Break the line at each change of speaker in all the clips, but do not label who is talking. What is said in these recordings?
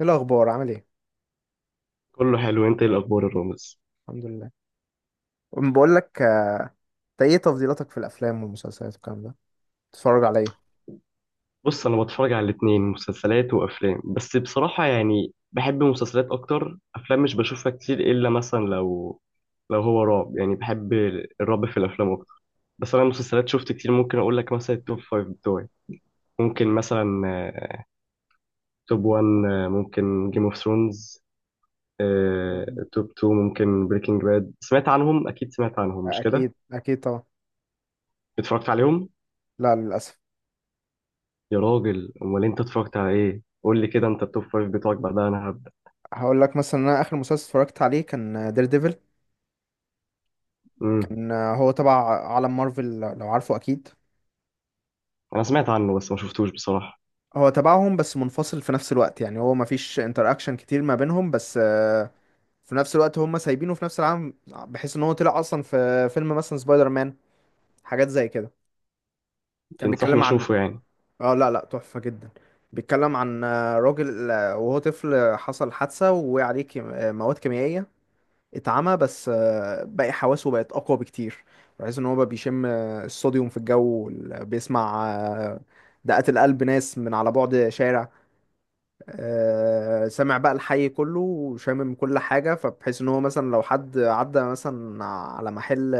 ايه الاخبار؟ عامل ايه؟
كله حلو. انت ايه الاخبار الرامز؟
الحمد لله. بقول لك، انت ايه تفضيلاتك في الافلام والمسلسلات والكلام ده؟ تتفرج على ايه؟
بص، انا بتفرج على الاتنين، مسلسلات وافلام. بس بصراحه يعني بحب مسلسلات اكتر. افلام مش بشوفها كتير الا مثلا لو هو رعب، يعني بحب الرعب في الافلام اكتر. بس انا مسلسلات شفت كتير. ممكن اقول لك مثلا التوب فايف بتوعي. ممكن مثلا آه، توب 1 ممكن جيم اوف ثرونز.
مم.
توب 2 ممكن بريكنج باد. سمعت عنهم؟ اكيد سمعت عنهم، مش كده؟
اكيد اكيد طبعا.
اتفرجت عليهم؟
لا للاسف.
يا راجل، امال انت اتفرجت على ايه؟ قول لي كده انت التوب فايف بتوعك بعدها انا.
هقول لك مثلا، انا اخر مسلسل اتفرجت عليه كان دير ديفل.
امم.
كان، هو تبع عالم مارفل لو عارفه اكيد.
انا سمعت عنه بس ما شفتوش بصراحة.
هو تبعهم بس منفصل في نفس الوقت، يعني هو مفيش انتراكشن كتير ما بينهم، بس في نفس الوقت هم سايبينه في نفس العالم، بحيث ان هو طلع اصلا في فيلم مثلا سبايدر مان، حاجات زي كده. كان
تنصحني
بيتكلم عن،
اشوفه يعني؟
اه لا لا، تحفة جدا. بيتكلم عن، راجل، وهو طفل حصل حادثة ووقع عليه مواد كيميائية، اتعمى، بس باقي حواسه بقت أقوى بكتير، بحيث إن هو بقى بيشم الصوديوم في الجو بيسمع دقات القلب ناس من على بعد شارع. سامع بقى الحي كله وشامم كل حاجة، فبحيث إن هو مثلا لو حد عدى مثلا على محل،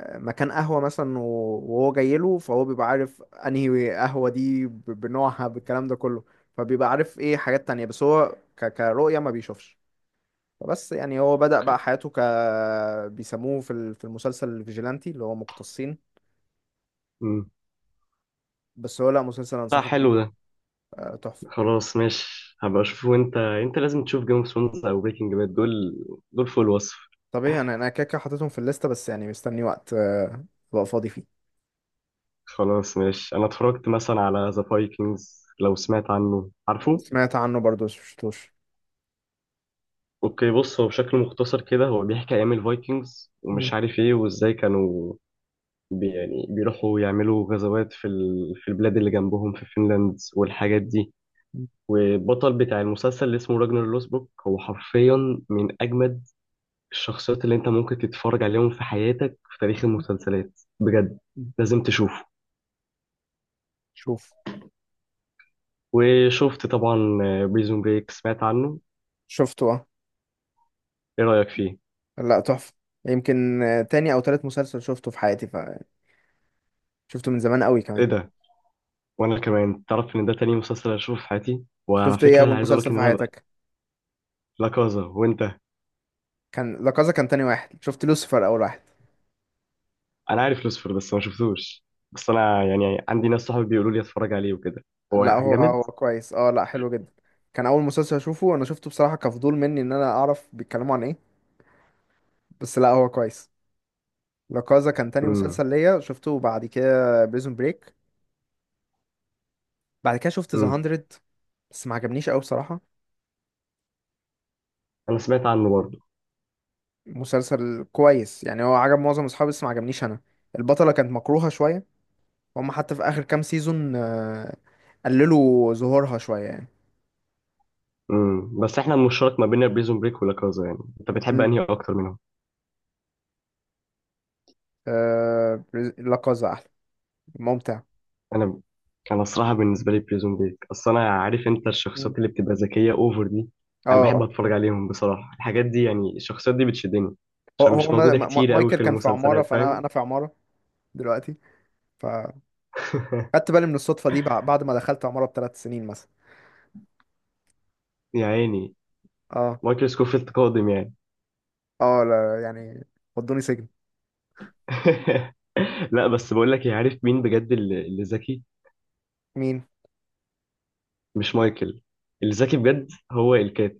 مكان قهوة مثلا وهو جاي له، فهو بيبقى عارف انهي قهوة دي بنوعها بالكلام ده كله. فبيبقى عارف ايه حاجات تانية، بس هو كرؤية ما بيشوفش. فبس يعني هو بدأ بقى
اوكي.
حياته ك، بيسموه في المسلسل الفيجيلانتي اللي هو مقتصين.
امم.
بس هو لا، مسلسل
لا،
انصحك بيه
حلو
يعني.
ده.
تحفة.
خلاص ماشي، هبقى اشوفه. وانت انت لازم تشوف جيم اوف ثرونز او بريكنج باد. دول فوق الوصف.
طب ايه، انا كده كده حاططهم في الليستة، بس يعني مستني وقت ابقى فاضي فيه.
خلاص ماشي، انا اتفرجت مثلا على ذا فايكنجز، لو سمعت عنه، عارفه.
سمعت عنه برضه بس مشفتوش.
اوكي، بص، هو بشكل مختصر كده هو بيحكي ايام الفايكنجز
مم.
ومش عارف ايه وازاي كانوا يعني بيروحوا يعملوا غزوات في في البلاد اللي جنبهم في فنلاند والحاجات دي. والبطل بتاع المسلسل اللي اسمه راجنر لوسبروك هو حرفيا من أجمد الشخصيات اللي أنت ممكن تتفرج عليهم في حياتك في تاريخ المسلسلات بجد.
مم.
لازم تشوفه.
شوف.
وشفت طبعا بريزون بريك، سمعت عنه؟
شفته اه.
إيه رأيك فيه؟
لا تحفة. يمكن تاني او تالت مسلسل شفته في حياتي، فشفته من زمان قوي
إيه
كمان.
ده؟ وأنا كمان تعرف إن ده تاني مسلسل أشوفه في حياتي، وعلى
شفت ايه؟
فكرة
اول
عايز أقولك
مسلسل
إن
في
أنا بقى
حياتك
لا كازا. وأنت؟
كان لا كازا. كان تاني واحد شفت. لوسيفر اول واحد.
أنا عارف لوسفر بس ما شفتوش. بس أنا يعني عندي ناس صحابي بيقولوا لي أتفرج عليه وكده. هو
لا هو
جامد؟
هو كويس، اه لا حلو جدا. كان اول مسلسل اشوفه، انا شفته بصراحة كفضول مني ان انا اعرف بيتكلموا عن ايه. بس لا هو كويس. لا كازا كان تاني
امم.
مسلسل ليا شفته، بعد كده بريزون بريك. بعد كده شفت ذا
امم.
100، بس ما عجبنيش قوي بصراحة.
أنا سمعت عنه برضه.
مسلسل كويس يعني، هو عجب معظم اصحابي بس ما عجبنيش انا. البطلة كانت مكروهة شوية. هم حتى في اخر كام سيزون قللوا ظهورها شويه يعني.
امم. بس احنا المشترك ما بيننا بريزون بريك ولا كازا، يعني انت بتحب
مم.
انهي اكتر منهم؟
آه، لا كازا احلى، ممتع.
انا انا الصراحه بالنسبه لي بريزون بريك. اصل انا عارف انت
مم.
الشخصيات اللي بتبقى ذكيه اوفر دي
اه
انا بحب اتفرج عليهم بصراحه. الحاجات دي يعني الشخصيات دي بتشدني
هو
عشان
هو
مش موجوده كتير قوي
مايكل
في
كان في عماره،
المسلسلات،
فانا
فاهم؟
انا في عماره دلوقتي. فخدت بالي من الصدفه دي بعد ما دخلت عماره بثلاث سنين مثلا.
يا عيني.
اه.
مايكل سكوفيلد قادم يعني.
اه لا يعني، ودوني سجن.
لا، بس بقول لك إيه، عارف مين بجد اللي ذكي؟
مين؟
مش مايكل. اللي ذكي بجد هو الكات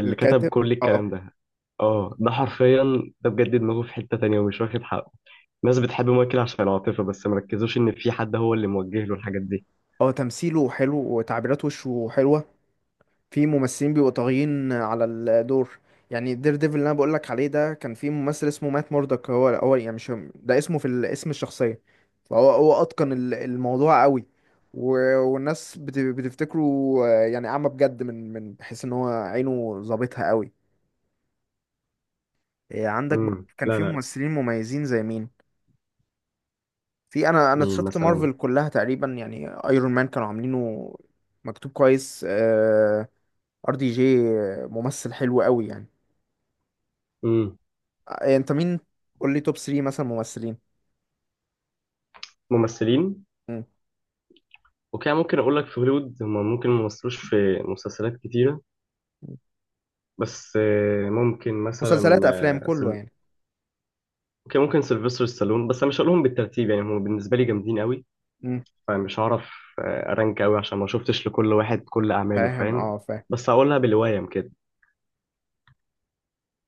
اللي كتب
الكاتب.
كل
اه.
الكلام ده. اه، ده حرفيا، ده بجد دماغه في حتة تانية ومش واخد حقه. الناس بتحب مايكل عشان العاطفة بس مركزوش إن في حد هو اللي موجه له الحاجات دي.
هو تمثيله حلو وتعبيرات وشه حلوه. في ممثلين بيبقوا طاغيين على الدور. يعني دير ديفل اللي انا بقول لك عليه ده، كان في ممثل اسمه مات موردك، هو هو يعني مش ده اسمه اسم الشخصيه. فهو هو اتقن الموضوع قوي، والناس بتفتكره يعني اعمى بجد، من من بحيث ان هو عينه ظابطها قوي. عندك
امم.
برضه كان
لا
في
لا.
ممثلين مميزين زي مين؟ في، انا
مين
شفت
مثلا؟
مارفل كلها تقريبا يعني، ايرون مان كانوا عاملينه مكتوب كويس. ار دي جي ممثل حلو قوي يعني.
امم.
انت مين؟ قول لي توب 3 مثلا ممثلين.
ممثلين.
مم.
اوكي، ممكن أقول لك في هوليوود هما ممكن ممثلوش في مسلسلات كتيرة، بس ممكن مثلا
مسلسلات افلام
آه،
كله
سل...
يعني.
اوكي ممكن سيلفستر ستالون. بس أنا مش هقولهم بالترتيب، يعني هما بالنسبة لي جامدين قوي
مم.
فمش هعرف أرانك قوي عشان ما شفتش لكل واحد كل أعماله،
فاهم
فاهم؟
اه فاهم.
بس هقولها بالوايم كده.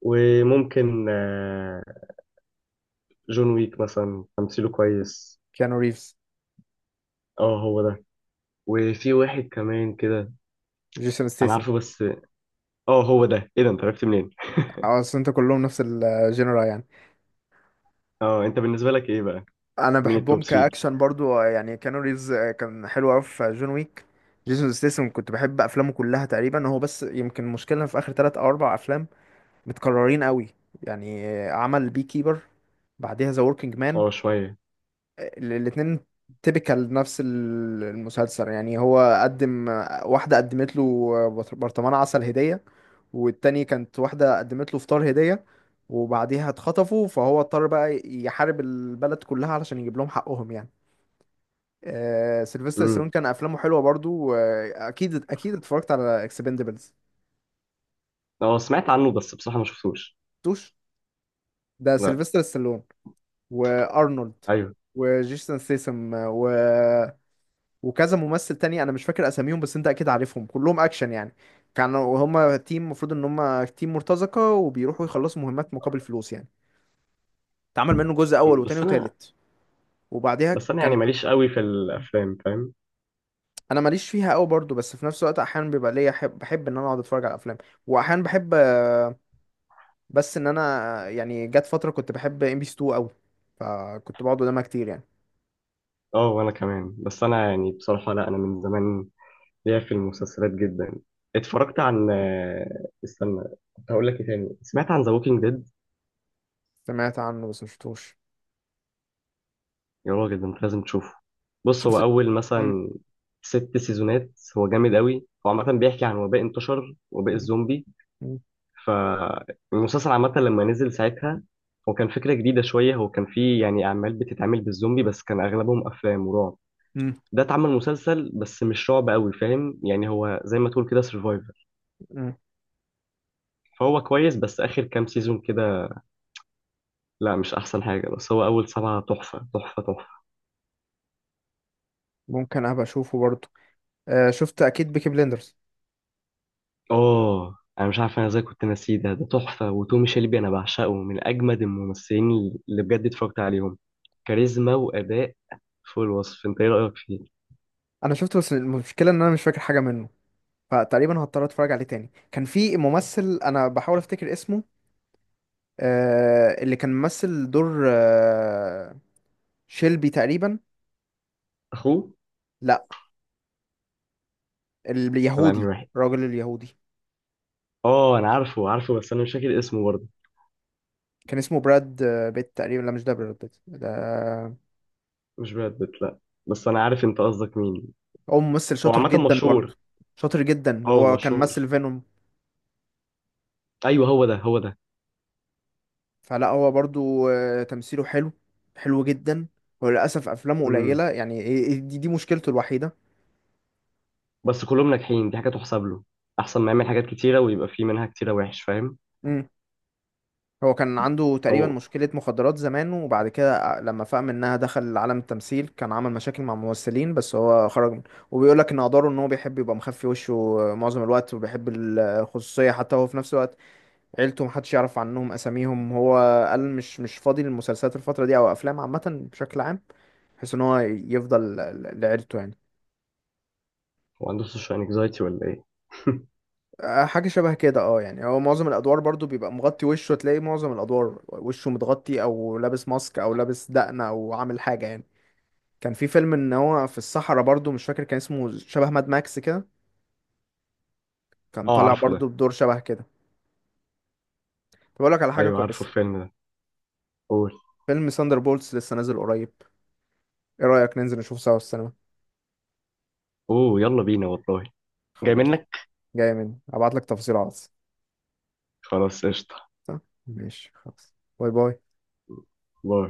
وممكن جون ويك مثلا، تمثيله كويس.
كيانو ريفز.
اه، هو ده. وفي واحد كمان كده.
جيسون
انا
ستيسن.
عارفه، بس اه هو ده. ايه ده، انت عرفت منين؟
اه اصل انت كلهم نفس الجنرا يعني.
اه، انت بالنسبه لك ايه بقى؟
انا
مين
بحبهم
التوب 3؟
كاكشن برضو، يعني كيانو ريفز، كان حلو قوي في جون ويك. جيسون ستيسن كنت بحب افلامه كلها تقريبا هو، بس يمكن مشكلة في اخر ثلاث او اربع افلام متكررين قوي. يعني عمل بي كيبر، بعدها ذا وركينج مان.
اه، شويه.
الاتنين تيبيكال نفس المسلسل يعني. هو قدم، واحدة قدمت له برطمان عسل هدية، والتاني كانت واحدة قدمت له فطار هدية، وبعديها اتخطفوا فهو اضطر بقى يحارب البلد كلها علشان يجيب لهم حقهم يعني. آه سيلفستر ستالون
امم.
كان افلامه حلوه برضو آه، اكيد اكيد اتفرجت على اكسبندبلز
اه، سمعت عنه بس بصراحه ما شفتوش.
توش. ده
لا.
سيلفستر ستالون وارنولد
ايوه.
وجيسون سيسم وكذا ممثل تاني انا مش فاكر اساميهم، بس انت اكيد عارفهم، كلهم اكشن يعني. كانوا هما تيم، المفروض ان هما تيم مرتزقة وبيروحوا يخلصوا مهمات مقابل فلوس يعني. اتعمل منه جزء اول
مم.
وتاني
بس انا
وتالت وبعديها
بس انا يعني
كان،
ماليش قوي في الافلام، فاهم؟
انا ماليش فيها قوي برضو، بس في نفس الوقت احيانا بيبقى ليا بحب ان انا اقعد اتفرج على افلام. واحيانا بحب، بس ان انا يعني جت فترة كنت بحب ام بي سي 2 قوي، فكنت بقعد قدامها كتير يعني.
اه، وانا كمان. بس انا يعني بصراحه، لا، انا من زمان ليا في المسلسلات جدا. اتفرجت عن استنى، كنت هقول لك ايه تاني. سمعت عن ذا ووكينج ديد؟
سمعت عنه بس مشفتوش.
يا راجل، ده انت لازم تشوفه. بص، هو
شفت.
اول
مم.
مثلا ست سيزونات، هو جامد قوي. هو عامه بيحكي عن وباء انتشر، وباء
مم.
الزومبي. فالمسلسل عامه لما نزل ساعتها، هو كان فكره جديده شويه. هو كان فيه يعني اعمال بتتعمل بالزومبي بس كان اغلبهم افلام ورعب.
مم.
ده اتعمل مسلسل بس مش رعب قوي، فاهم يعني؟ هو زي ما تقول كده سرفايفر.
مم.
فهو كويس بس اخر كام سيزون كده لا، مش احسن حاجه. بس هو اول سبعه تحفه تحفه تحفه.
ممكن ابقى اشوفه برضو. شفت اكيد بيكي بليندرز.
اه، انا مش عارف انا ازاي كنت ناسيه ده تحفه. وتومي شيلبي انا بعشقه، من اجمد الممثلين اللي بجد اتفرجت عليهم. كاريزما واداء فوق الوصف. انت ايه رايك فيه؟
انا شفته، بس المشكله ان انا مش فاكر حاجه منه، فتقريبا هضطر اتفرج عليه تاني. كان في ممثل انا بحاول افتكر اسمه، آه، اللي كان ممثل دور آه شيلبي تقريبا.
اخوه؟
لا،
ولا انهي
اليهودي،
واحد؟
الراجل اليهودي.
اه انا عارفه عارفه، بس انا مش فاكر اسمه برضه.
كان اسمه براد، بيت تقريبا. لا مش ده، براد بيت ده.
مش براد بيت، لا. بس انا عارف انت قصدك مين.
هو ممثل
هو
شاطر
عامه
جدا
مشهور.
برضه، شاطر جدا.
اه،
هو كان
مشهور.
ممثل فينوم.
ايوه، هو ده هو ده.
فلا هو برضه تمثيله حلو، حلو جدا. وللاسف افلامه
امم.
قليله يعني، دي مشكلته الوحيده.
بس كلهم ناجحين، دي حاجه تحسب له. احسن ما يعمل حاجات كتيره ويبقى في منها كتيره وحش، فاهم؟
هو كان عنده تقريبا
او،
مشكلة مخدرات زمان، وبعد كده لما فاق منها دخل عالم التمثيل، كان عمل مشاكل مع ممثلين بس هو خرج من، وبيقول لك ان اقداره ان هو بيحب يبقى مخفي وشه معظم الوقت، وبيحب الخصوصية حتى هو في نفس الوقت. عيلته محدش يعرف عنهم اساميهم. هو قال مش فاضي للمسلسلات الفترة دي او افلام عامة بشكل عام، بحيث ان هو يفضل لعيلته يعني.
هو عنده سوشيال انكزايتي ولا ايه؟
حاجة شبه كده اه. يعني هو معظم الأدوار برضو بيبقى مغطي وشه، تلاقي معظم الأدوار وشه متغطي أو لابس ماسك أو لابس دقنة أو عامل حاجة يعني. كان في فيلم ان هو في الصحراء برضو، مش فاكر كان اسمه، شبه ماد ماكس كده، كان
اه،
طالع
عارفه
برضو
ده.
بدور شبه كده. طب اقول لك على حاجه
ايوه، عارفه
كويسه،
الفيلم ده. قول.
فيلم ساندر بولتس لسه نازل قريب. ايه رايك ننزل نشوفه سوا في السينما؟
اوه، يلا بينا والله. جاي
خلاص،
منك.
جاي مني، ابعت لك تفاصيل على الواتس.
خلاص، قشطة.
صح؟ ماشي خلاص. باي باي.
باي.